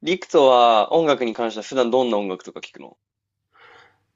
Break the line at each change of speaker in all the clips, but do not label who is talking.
リクトは音楽に関しては普段どんな音楽とか聞くの？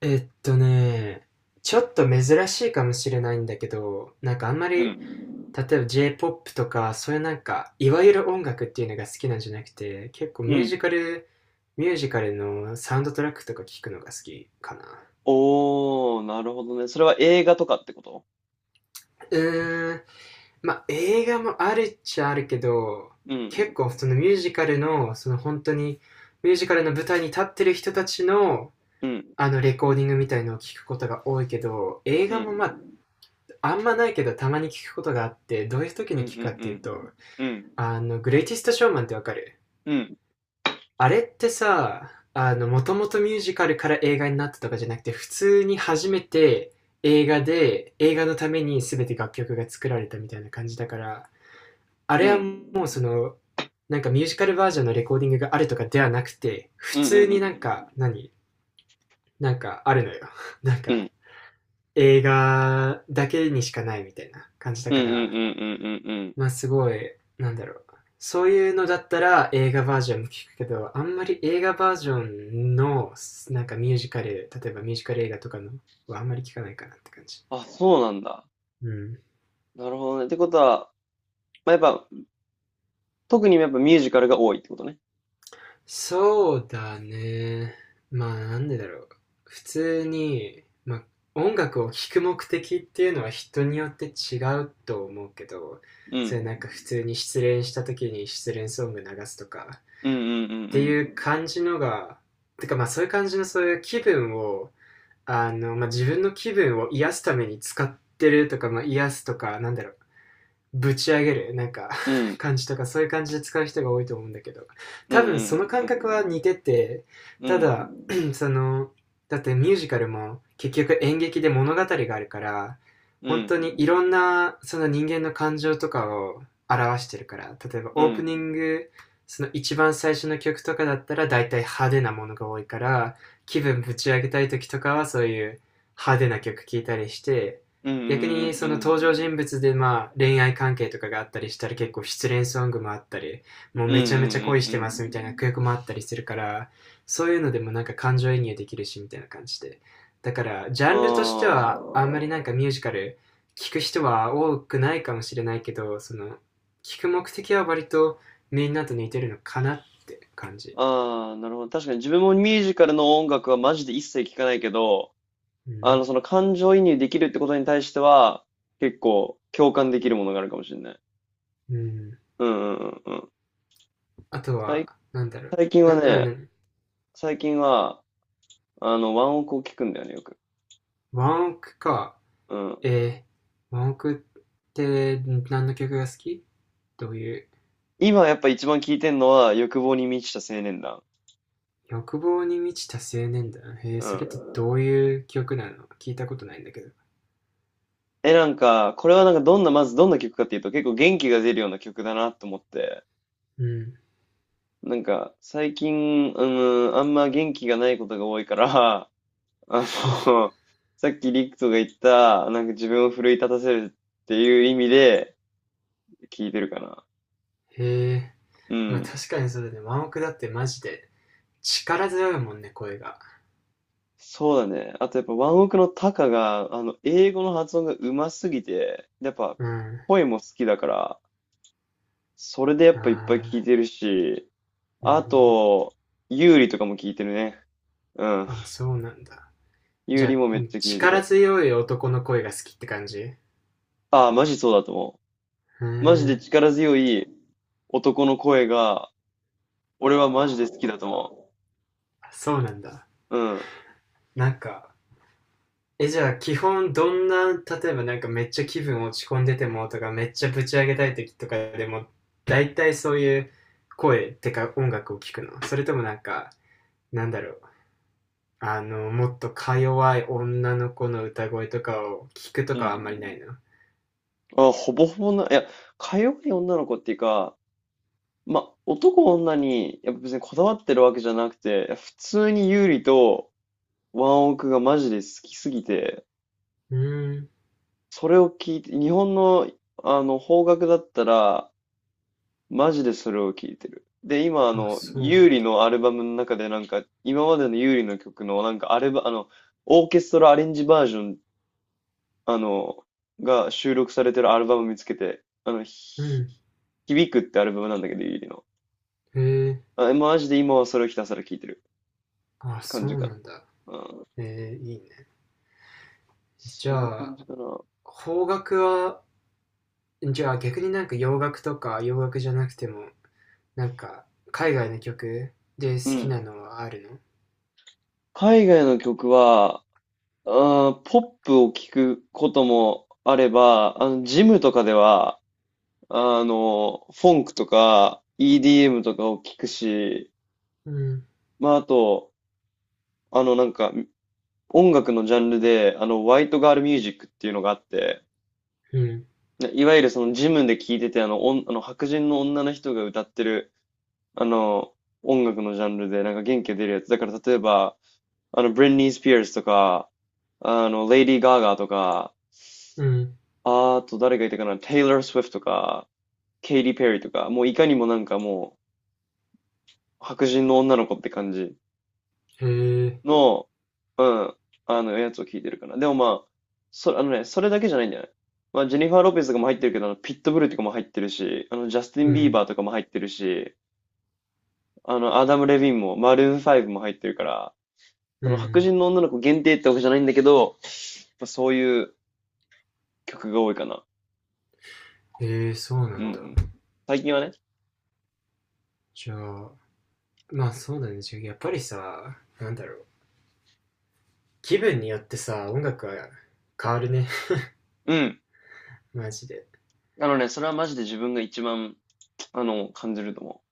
えっとね、ちょっと珍しいかもしれないんだけど、なんかあんま
う
り、例え
ん。
ば J-POP とか、そういうなんか、いわゆる音楽っていうのが好きなんじゃなくて、結構
う
ミュー
ん。
ジカル、ミュージカルのサウンドトラックとか聞くのが好きかな。
おー、なるほどね。それは映画とかってこと？
うーん、まあ映画もあるっちゃあるけど、
う
結
ん。
構そのミュージカルの、その本当に、ミュージカルの舞台に立ってる人たちの、
うん。
あのレコーディングみたいのを聞くことが多いけど、映
う
画
ん。
もまああんまないけどたまに聞くことがあって、どういう時
うん
に
うん
聞くかっていうと、
うん。うん。
グレイティストショーマンってわかる？
うん。
あれってさ、もともとミュージカルから映画になったとかじゃなくて、普通に初めて映画で、映画のために全て楽曲が作られたみたいな感じだから、あ
う
れは
ん
もうその、なんかミュージカルバージョンのレコーディングがあるとかではなくて、
う
普
んう
通
んう
になん
ん。
か、なんかあるのよ なん
う
か、
ん
映画だけにしかないみたいな
うんうんうんうんうんうんうんうんうんうんうんうんうんうんうん
感じだから、
うんうん。
まあすごい、なんだろう。そういうのだったら映画バージョンも聞くけど、あんまり映画バージョンのなんかミュージカル、例えばミュージカル映画とかのはあんまり聞かないかなって感じ。
あ、そうなんだ。
うん。
なるほどね。ってことは、まあ、やっぱ、特にやっぱミュージカルが多いってことね。
そうだね。まあなんでだろう。普通に、まあ音楽を聴く目的っていうのは人によって違うと思うけど、
う
それ
ん。
なんか普通に失恋した時に失恋ソング流すとか、っ
うんうんう
ていう
ん
感じのが、てかまあそういう感じのそういう気分を、まあ自分の気分を癒すために使ってるとか、まあ癒すとか、ぶち上げるなんか
うん。う ん。
感じとかそういう感じで使う人が多いと思うんだけど、
うん
多分
うん
その
う
感覚は
ん
似てて、
うん。う
た
ん。
だ そのだってミュージカルも結局演劇で物語があるから、
う
本当にい
ん。
ろんなその人間の感情とかを表してるから、例えば
う
オープニ
ん。
ング、その一番最初の曲とかだったら大体派手なものが多いから、気分ぶち上げたい時とかはそういう派手な曲聴いたりして、
うんうんう
逆に
ん
その
う
登場
ん。
人物でまあ恋愛関係とかがあったりしたら結構失恋ソングもあったり、もう
うんう
め
んう
ちゃめち
ん
ゃ恋して
う
ますみたい
ん。
な曲もあったりするから、そういうのでもなんか感情移入できるしみたいな感じで。だからジャンルとして
あ
はあんまりなんかミュージカル聞く人は多くないかもしれないけど、その聞く目的は割とみんなと似てるのかなって感じ。
あ、ああ、なるほど。確かに自分もミュージカルの音楽はマジで一切聞かないけど、
うん。
その感情移入できるってことに対しては、結構共感できるものがあるかもしれない。
うん。
うんうんうんうん。
あと
最、
は、なんだろ
最近
う
は
ん
ね、
うん。
最近は、ワンオクを聞くんだよね、よく。
ワンオクか。
うん。
え文句って何の曲が好き？どういう
今やっぱ一番聞いてんのは、欲望に満ちた青年団。
欲望に満ちた青年だ。
う
それってど
ん。
ういう曲なの？聞いたことないんだけど。
え、なんか、これはなんかどんな、まずどんな曲かっていうと、結構元気が出るような曲だなと思って。
うん。
最近、あのあんま元気がないことが多いから、あの、さっきリクトが言った、なんか自分を奮い立たせるっていう意味で聞いてるかな。
へえー、
う
まあ
ん。
確かにそうだね。ワンオクだってマジで力強いもんね、声が。
そうだね。あとやっぱワンオクのタカが、英語の発音がうますぎて、やっぱ
うん。
声も好きだから、それでやっぱいっぱい
あ
聞いてるし、
ー、う
あ
ん。
と、ユーリとかも聞いてるね。うん。
あ、そうなんだ。
ユ
じ
ー
ゃ
リ
あ、
もめっちゃ聞いて
力
る。
強い男の声が好きって感じ？う
ああ、マジそうだと思
ー
う。マジで
ん。
力強い、男の声が、俺はマジで好きだと思
あ、そうなんだ。
う。うん。
なんか、じゃあ、基本、どんな、例えばなんかめっちゃ気分落ち込んでてもとか、めっちゃぶち上げたい時とかでも、大体そういう声ってか音楽を聞くの？それともなんか、なんだろう。もっとか弱い女の子の歌声とかを聞くと
う
かはあんまり
ん。
ないの？
あ、ほぼほぼな、いや、かように女の子っていうか、まあ、男女に、やっぱ別にこだわってるわけじゃなくて、普通に優里とワンオクがマジで好きすぎて、
うーん。
それを聞いて、日本の、邦楽だったら、マジでそれを聞いてる。で、今、
あ、そうな
優
ん
里
だ。
のアルバムの中でなんか、今までの優里の曲の、なんか、アルバ、あの、オーケストラアレンジバージョンあの、が収録されてるアルバム見つけて、
うん。
響くってアルバムなんだけど、ゆりの。
へえ。
あ、マジで今はそれをひたすら聴いてる
あ、
感
そ
じ
う
か
なんだ。
な。うん、
えいいね。じ
そんな
ゃ
感
あ、
じかな。
邦楽は、じゃあ逆になんか洋楽とか洋楽じゃなくても、なんか、海外の曲で
う
好きな
ん。
のはあるの？
海外の曲は、あー、ポップを聴くこともあれば、ジムとかでは、フォンクとか EDM とかを聴くし、
うん、
まあ、あと、あの、なんか、音楽のジャンルで、ホワイトガールミュージックっていうのがあって、
うん、
いわゆるそのジムで聴いてて、あの、おんあの白人の女の人が歌ってる、あの、音楽のジャンルで、なんか元気が出るやつ。だから例えば、ブリンニー・スピアーズとか、レイディー・ガーガーとか、
うん、
あと誰がいたかな、テイラー・スウィフトとか、ケイティ・ペリーとか、もういかにもなんかもう、白人の女の子って感じ
へえ、
の、うん、やつを聴いてるかな。でもまあ、あのね、それだけじゃないんじゃない？まあ、ジェニファー・ロペスとかも入ってるけど、あのピットブルとかも入ってるし、ジャスティ
う
ン・ビー
ん、
バーとかも入ってるし、アダム・レヴィンも、マルーン5も入ってるから、そ
う
の白
ん、
人の女の子限定ってわけじゃないんだけど、まあそういう曲が多いかな。
へえ、そうな
うんう
んだ。
ん。最近はね。
じゃあ、まあそうだね。じゃあやっぱりさ、気分によってさ、音楽は変わるね
うん。
マジで。
あのね、それはマジで自分が一番、感じると思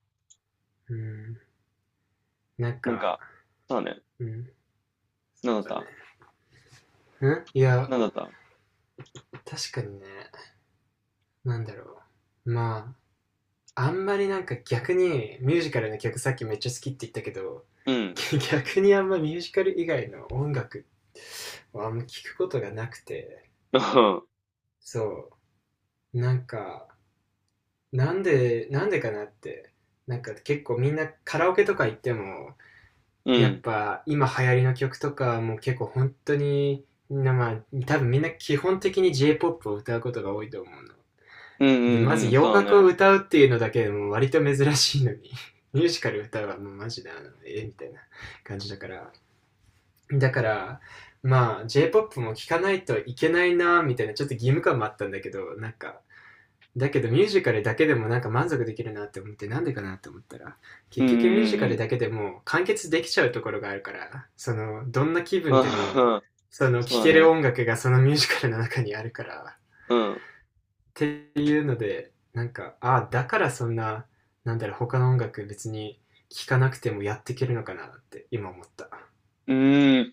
うん、なん
う。
か、
そうだね。
うん、
なん
そう
だ
だね。
った
うんいや、
なんだった
確かにね、なんだろまあ、あんまりなんか逆にミュージカルの曲さっきめっちゃ好きって言ったけど、
うん。
逆にあんまミュージカル以外の音楽をあんま聞くことがなくて、そう、なんか、なんでかなって、なんか結構みんなカラオケとか行っても、
う
やっ
ん。
ぱ今流行りの曲とかも結構本当に、みんなまあ、多分みんな基本的に J-POP を歌うことが多いと思うの。
うん
で、
う
ま
ん
ず
うん。
洋
そうだ
楽を
ね。
歌うっていうのだけでも割と珍しいのに、ミュージカル歌うはもうマジで、えみたいな感じだから、だから、まあ、J-POP も聴かないといけないな、みたいな、ちょっと義務感もあったんだけど、なんか、だけどミュージカルだけでもなんか満足できるなって思って、なんでかなって思ったら、
うんうん
結
う
局ミュージ
ん
カ
う
ル
ん。
だけでも完結できちゃうところがあるから、どんな気 分でも、
あん。そ
聴
うだ
ける
ね。
音楽がそのミュージカルの中にあるから、
うん。う
っていうので、なんか、ああ、だからそんな、他の音楽別に聴かなくてもやっていけるのかなって今思った。
ーん。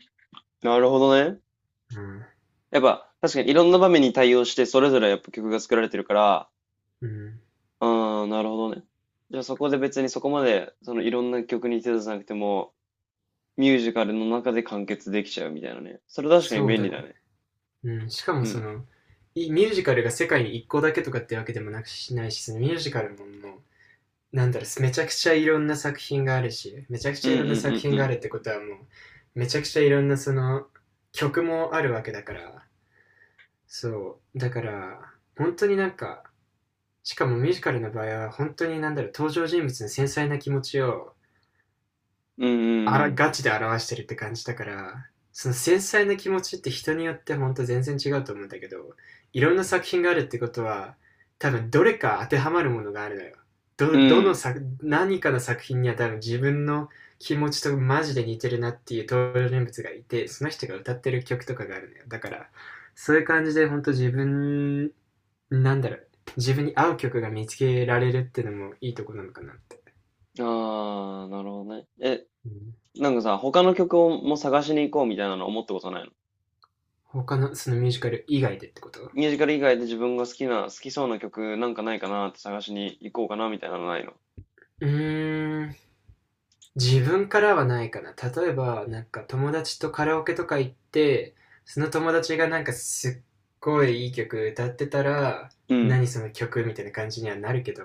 なるほどね。
うん。
やっぱ、確かにいろんな場面に対応して、それぞれやっぱ曲が作られてるから、
うん。
ああ、なるほどね。じゃあそこで別にそこまで、そのいろんな曲に手出さなくても、ミュージカルの中で完結できちゃうみたいなね。それ確かに
そう
便
だ
利
ね。
だね。
うん、しかも
う
そ
ん。
の、いミュージカルが世界に一個だけとかってわけでもなくしないし、そのミュージカルももう、めちゃくちゃいろんな作品があるし、めちゃく
う
ち
ん
ゃ
う
い
ん
ろん
う
な作
んう
品があ
ん。
るってことはもう、めちゃくちゃいろんな曲もあるわけだから、そう、だから、本当になんか、しかもミュージカルの場合は、本当に登場人物の繊細な気持ちを
うんうん
ガチで表してるって感じだから、その繊細な気持ちって人によって本当全然違うと思うんだけど、いろんな作品があるってことは、多分どれか当てはまるものがあるのよ。
う
ど、どの
ん。
作、何かの作品には多分自分の気持ちとマジで似てるなっていう登場人物がいて、その人が歌ってる曲とかがあるのよ。だから、そういう感じで本当自分、なんだろう、自分に合う曲が見つけられるってのもいいとこなのかなって。
うん。ああ、なるほどね。え、
うん、
なんかさ、他の曲をも探しに行こうみたいなの思ったことないの？
他のそのミュージカル以外でってこと？
ミュージカル以外で自分が好きな、好きそうな曲なんかないかなって探しに行こうかなみたいなのないの？
うーん、自分からはないかな。例えば、なんか友達とカラオケとか行って、その友達がなんかすっごいいい曲歌ってたら、
うん。
何その曲？みたいな感じにはなるけど、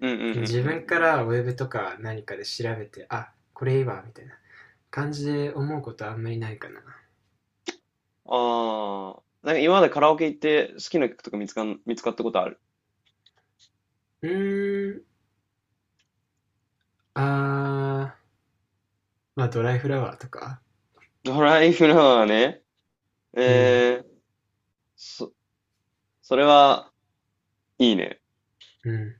うんうんうんう
その自分か
ん。
らウェブとか何かで調べて、あ、これいいわ、みたいな感じで思うことはあんまりないかな。
ああ。なんか今までカラオケ行って好きな曲とか見つかったことある？
うーん、あー、まあドライフラワーとか。
ドライフラワーね。
うん、
えー、そ、それは、いいね。
うん。